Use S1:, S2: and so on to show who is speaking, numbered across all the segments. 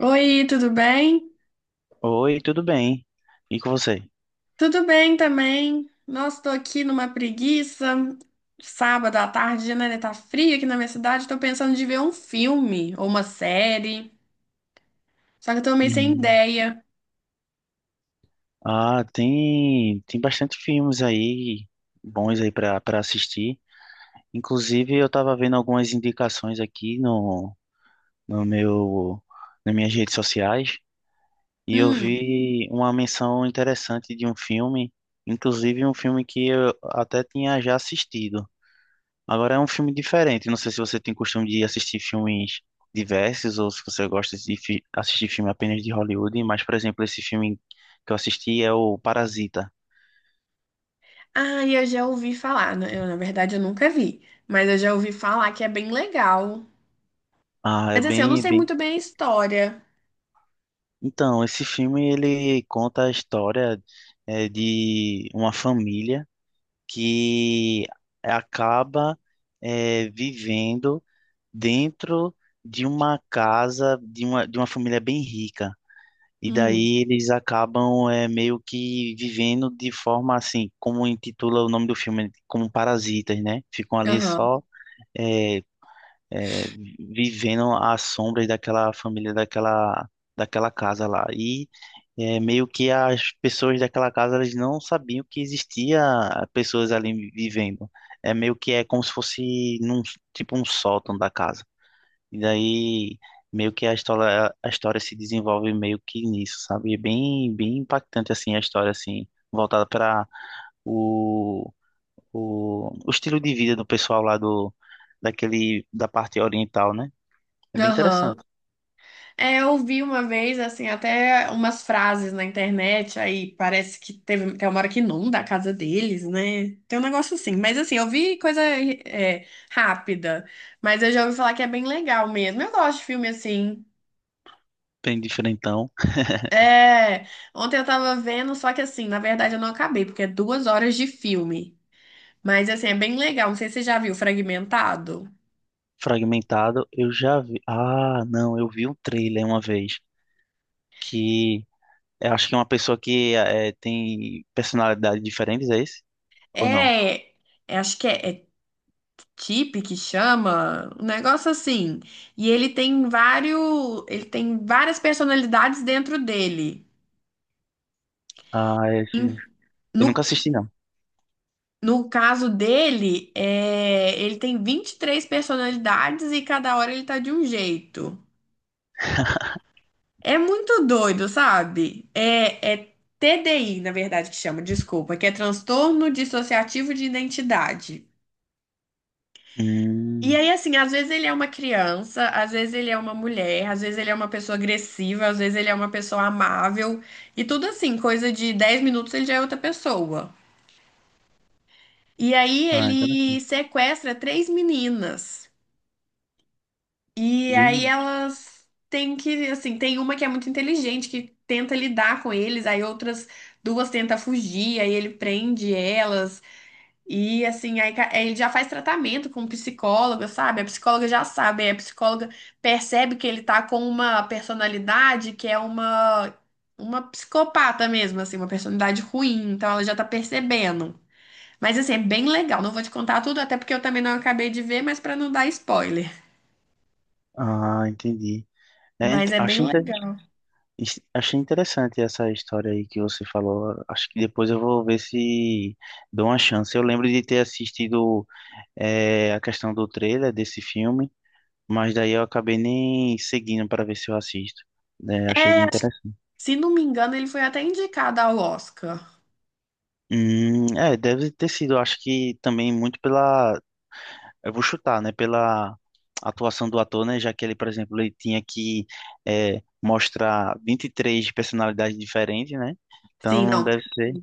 S1: Oi, tudo bem?
S2: Oi, tudo bem? E com você?
S1: Tudo bem também. Nossa, tô aqui numa preguiça. Sábado à tarde, né? Tá frio aqui na minha cidade. Tô pensando de ver um filme ou uma série. Só que eu tô meio sem
S2: Hum.
S1: ideia.
S2: Ah, tem bastante filmes aí bons aí para assistir. Inclusive, eu tava vendo algumas indicações aqui no no meu nas minhas redes sociais e eu
S1: Hum.
S2: vi uma menção interessante de um filme, inclusive um filme que eu até tinha já assistido. Agora é um filme diferente. Não sei se você tem costume de assistir filmes diversos ou se você gosta de assistir filme apenas de Hollywood, mas, por exemplo, esse filme que eu assisti é o Parasita.
S1: Ah, e eu já ouvi falar, né. Eu, na verdade, eu nunca vi. Mas eu já ouvi falar que é bem legal.
S2: Ah, é
S1: Mas assim, eu não
S2: bem,
S1: sei
S2: bem.
S1: muito bem a história.
S2: Então, esse filme ele conta a história de uma família que acaba vivendo dentro de uma casa de uma família bem rica. E
S1: Hum.
S2: daí eles acabam é, meio que vivendo de forma assim, como intitula o nome do filme, como parasitas, né? Ficam ali
S1: Aham.
S2: só é, é, vivendo às sombras daquela casa lá. E é, meio que as pessoas daquela casa elas não sabiam que existia pessoas ali vivendo. É meio que é como se fosse num, tipo um sótão da casa. E daí meio que a história se desenvolve meio que nisso, sabe? É bem, bem impactante assim a história assim, voltada para o, o estilo de vida do pessoal lá do daquele da parte oriental, né? É bem
S1: Aham.
S2: interessante.
S1: É, eu vi uma vez, assim, até umas frases na internet, aí parece que teve, tem uma hora que inunda a casa deles, né? Tem um negócio assim, mas assim, eu vi coisa é, rápida, mas eu já ouvi falar que é bem legal mesmo. Eu gosto de filme assim.
S2: Bem diferentão,
S1: É, ontem eu tava vendo, só que assim, na verdade eu não acabei, porque é 2 horas de filme. Mas assim, é bem legal, não sei se você já viu Fragmentado.
S2: fragmentado. Eu já vi. Ah, não, eu vi um trailer uma vez que eu acho que é uma pessoa que é, tem personalidades diferentes, é esse? Ou não?
S1: É, é, acho que é Tip que chama, um negócio assim. E ele tem várias personalidades dentro dele.
S2: Ah, é isso mesmo.
S1: Em-
S2: Eu
S1: No,
S2: nunca assisti, não.
S1: no caso dele, ele tem 23 personalidades e cada hora ele tá de um jeito. É muito doido, sabe? É TDI, na verdade, que chama, desculpa, que é transtorno dissociativo de identidade. E
S2: Hum,
S1: aí, assim, às vezes ele é uma criança, às vezes ele é uma mulher, às vezes ele é uma pessoa agressiva, às vezes ele é uma pessoa amável, e tudo assim, coisa de 10 minutos ele já é outra pessoa. E aí
S2: ah,
S1: ele
S2: interessante.
S1: sequestra três meninas. E aí
S2: Gente,
S1: elas têm que, assim, tem uma que é muito inteligente, que tenta lidar com eles, aí outras duas tentam fugir, aí ele prende elas. E assim, aí ele já faz tratamento com psicóloga, sabe? A psicóloga já sabe, aí a psicóloga percebe que ele tá com uma personalidade que é uma psicopata mesmo, assim, uma personalidade ruim, então ela já tá percebendo. Mas assim, é bem legal, não vou te contar tudo, até porque eu também não acabei de ver, mas pra não dar spoiler.
S2: ah, entendi. É, int-
S1: Mas é bem
S2: achei, inter-
S1: legal.
S2: achei interessante essa história aí que você falou. Acho que depois eu vou ver se dou uma chance. Eu lembro de ter assistido a questão do trailer desse filme, mas daí eu acabei nem seguindo para ver se eu assisto. É, achei interessante.
S1: Se não me engano, ele foi até indicado ao Oscar.
S2: É, deve ter sido, acho que também muito pela... Eu vou chutar, né? Pela atuação do ator, né? Já que ele, por exemplo, ele tinha que mostrar 23 personalidades diferentes, né?
S1: Sim,
S2: Então
S1: não,
S2: deve ser.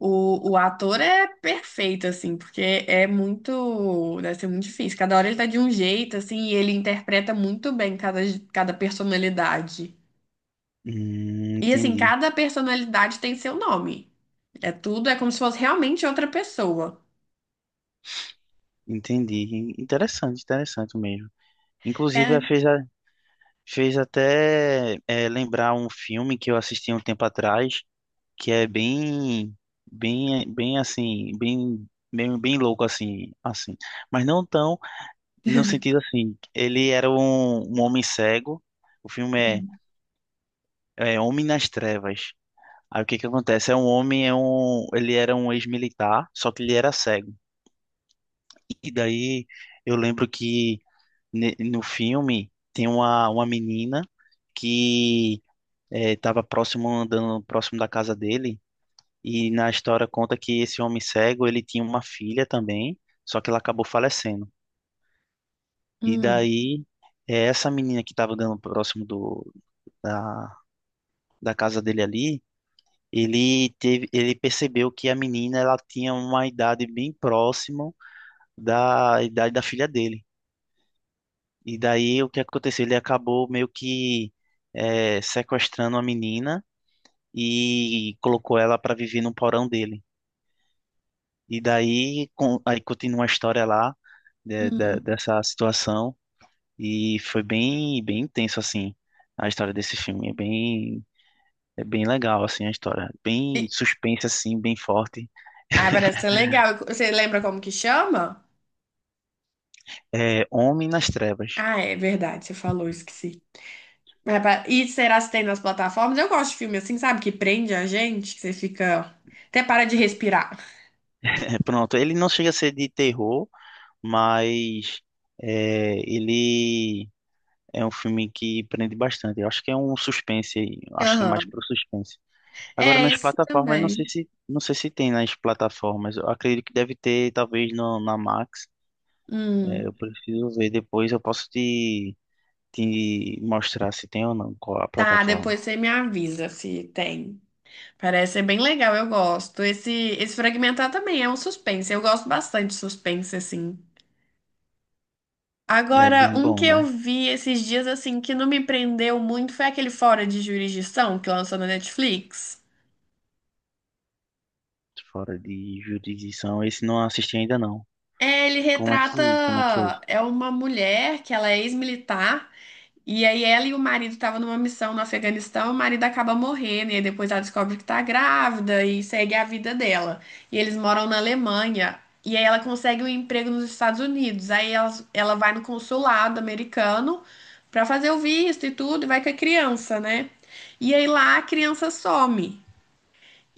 S1: O ator é perfeito, assim, porque é muito. Deve ser muito difícil. Cada hora ele tá de um jeito, assim, e ele interpreta muito bem cada personalidade. E, assim,
S2: Entendi,
S1: cada personalidade tem seu nome. É tudo, é como se fosse realmente outra pessoa.
S2: entendi. Interessante, interessante mesmo. Inclusive,
S1: É.
S2: fez até lembrar um filme que eu assisti um tempo atrás, que é bem assim, bem louco assim, assim. Mas não tão... No sentido assim, ele era um homem cego. O filme é Homem nas Trevas. Aí o que que acontece? É um homem, é um, ele era um ex-militar, só que ele era cego. E daí eu lembro que no filme tem uma menina que estava próximo andando próximo da casa dele e na história conta que esse homem cego ele tinha uma filha também, só que ela acabou falecendo. E
S1: Hum,
S2: daí é essa menina que estava andando próximo da, da casa dele ali, ele teve, ele percebeu que a menina ela tinha uma idade bem próxima da idade da filha dele. E daí o que aconteceu? Ele acabou meio que sequestrando a menina e colocou ela para viver no porão dele. E daí com, aí continua a história lá
S1: hum.
S2: dessa situação e foi bem intenso assim a história desse filme. É bem legal assim a história, bem
S1: E-
S2: suspense assim, bem forte.
S1: Ah, parece ser legal. Você lembra como que chama?
S2: É, Homem nas Trevas.
S1: Ah, é verdade, você falou, esqueci. E será se tem nas plataformas? Eu gosto de filme assim, sabe? Que prende a gente, que você fica. Até para de respirar.
S2: É, pronto, ele não chega a ser de terror, mas é, ele é um filme que prende bastante. Eu acho que é um suspense, eu acho que é mais
S1: Aham.
S2: pro suspense. Agora
S1: É,
S2: nas
S1: esse
S2: plataformas, não sei
S1: também.
S2: se não sei se tem nas plataformas. Eu acredito que deve ter, talvez no, na Max. É, eu
S1: Hum.
S2: preciso ver depois. Eu posso te mostrar se tem ou não qual a
S1: Tá,
S2: plataforma.
S1: depois você me avisa se tem. Parece ser bem legal, eu gosto. Esse Fragmentar também é um suspense. Eu gosto bastante de suspense, assim.
S2: É
S1: Agora,
S2: bem
S1: um
S2: bom,
S1: que eu
S2: né?
S1: vi esses dias, assim, que não me prendeu muito foi aquele Fora de Jurisdição que lançou na Netflix.
S2: Fora de jurisdição. Esse não assisti ainda não.
S1: É, ele retrata.
S2: Como é que é?
S1: É uma mulher que ela é ex-militar. E aí ela e o marido estavam numa missão no Afeganistão, o marido acaba morrendo, e aí depois ela descobre que tá grávida e segue a vida dela. E eles moram na Alemanha, e aí ela consegue um emprego nos Estados Unidos. Aí ela vai no consulado americano pra fazer o visto e tudo, e vai com a criança, né? E aí lá a criança some.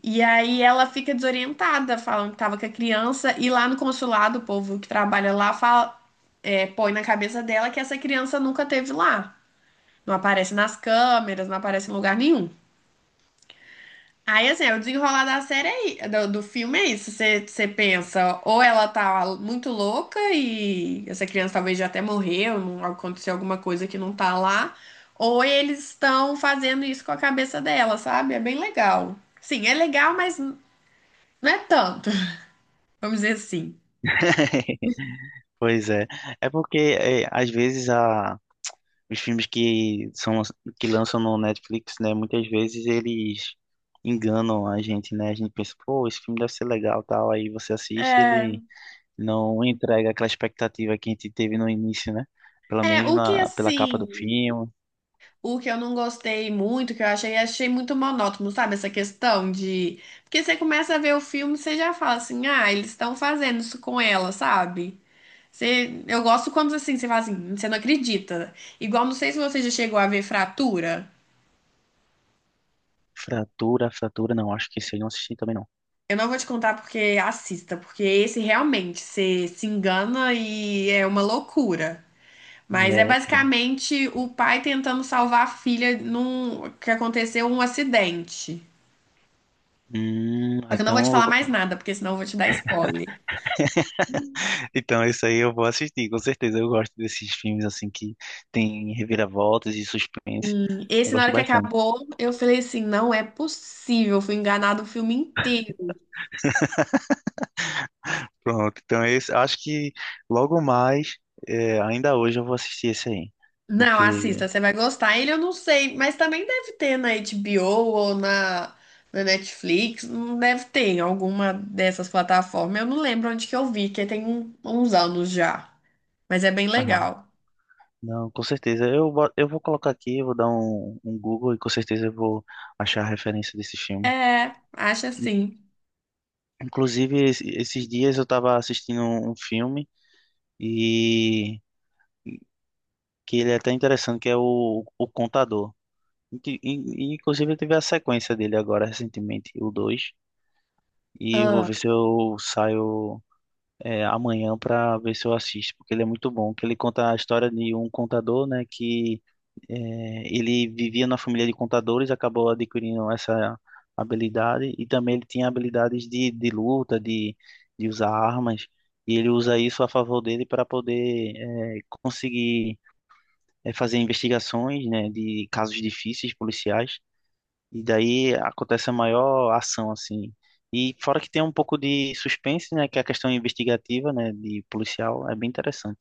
S1: E aí ela fica desorientada, falando que tava com a criança, e lá no consulado, o povo que trabalha lá fala, põe na cabeça dela que essa criança nunca teve lá. Não aparece nas câmeras, não aparece em lugar nenhum. Aí, assim, é o desenrolar da série aí, do filme é isso. Você pensa, ou ela tá muito louca e essa criança talvez já até morreu, aconteceu alguma coisa que não tá lá, ou eles estão fazendo isso com a cabeça dela, sabe? É bem legal. Sim, é legal, mas não é tanto, vamos dizer assim.
S2: Pois é. Às vezes os filmes que são que lançam no Netflix, né, muitas vezes eles enganam a gente, né? A gente pensa, pô, esse filme deve ser legal, tal, aí você assiste,
S1: É,
S2: ele não entrega aquela expectativa que a gente teve no início, né? Pelo
S1: é
S2: menos
S1: o que
S2: na pela capa do
S1: assim.
S2: filme.
S1: O que eu não gostei muito, que eu achei muito monótono, sabe? Essa questão de. Porque você começa a ver o filme, e você já fala assim, ah, eles estão fazendo isso com ela, sabe? Você... Eu gosto quando assim, você fala assim, você não acredita. Igual, não sei se você já chegou a ver Fratura.
S2: Fratura, não, acho que esse eu não assisti também não.
S1: Eu não vou te contar porque assista, porque esse realmente você se engana e é uma loucura.
S2: E
S1: Mas é
S2: é, pronto.
S1: basicamente o pai tentando salvar a filha num que aconteceu um acidente. Só que eu não vou te
S2: Então...
S1: falar mais nada, porque senão eu vou te dar spoiler.
S2: Então, isso aí eu vou assistir, com certeza. Eu gosto desses filmes assim que tem reviravoltas e suspense.
S1: Hum.
S2: Eu
S1: Esse, na
S2: gosto
S1: hora que
S2: bastante.
S1: acabou, eu falei assim: não é possível, eu fui enganado o filme inteiro.
S2: Pronto, então é esse, acho que logo mais, é, ainda hoje eu vou assistir esse aí.
S1: Não,
S2: Porque,
S1: assista, você vai gostar. Ele eu não sei, mas também deve ter na HBO ou na Netflix. Não deve ter em alguma dessas plataformas. Eu não lembro onde que eu vi, que tem uns anos já. Mas é bem
S2: ah,
S1: legal.
S2: não, com certeza. Eu vou colocar aqui, eu vou dar um Google e com certeza eu vou achar a referência desse filme.
S1: É, acho
S2: In-
S1: assim.
S2: Inclusive, esses dias eu estava assistindo um filme e que ele é até interessante, que é o Contador. Inclusive, eu tive a sequência dele agora recentemente, o dois. E eu vou ver se eu saio amanhã pra ver se eu assisto, porque ele é muito bom. Que ele conta a história de um contador, né? Que é, ele vivia na família de contadores, acabou adquirindo essa habilidade. E também ele tinha habilidades de luta, de usar armas. E ele usa isso a favor dele para poder conseguir fazer investigações, né? De casos difíceis policiais. E daí acontece a maior ação, assim. E fora que tem um pouco de suspense, né? Que é a questão investigativa, né? De policial, é bem interessante.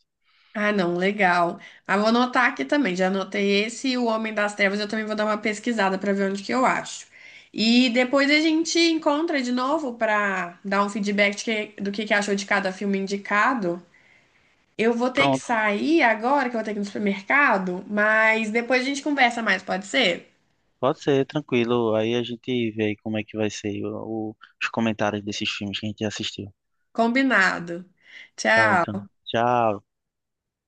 S1: Ah, não, legal. Ah, vou anotar aqui também. Já anotei esse e o Homem das Trevas. Eu também vou dar uma pesquisada para ver onde que eu acho. E depois a gente encontra de novo para dar um feedback de do que achou de cada filme indicado. Eu vou ter que
S2: Pronto,
S1: sair agora, que eu vou ter que ir no supermercado, mas depois a gente conversa mais, pode ser?
S2: pode ser, tranquilo. Aí a gente vê aí como é que vai ser os comentários desses filmes que a gente assistiu.
S1: Combinado.
S2: Tá bom, então.
S1: Tchau.
S2: Tchau.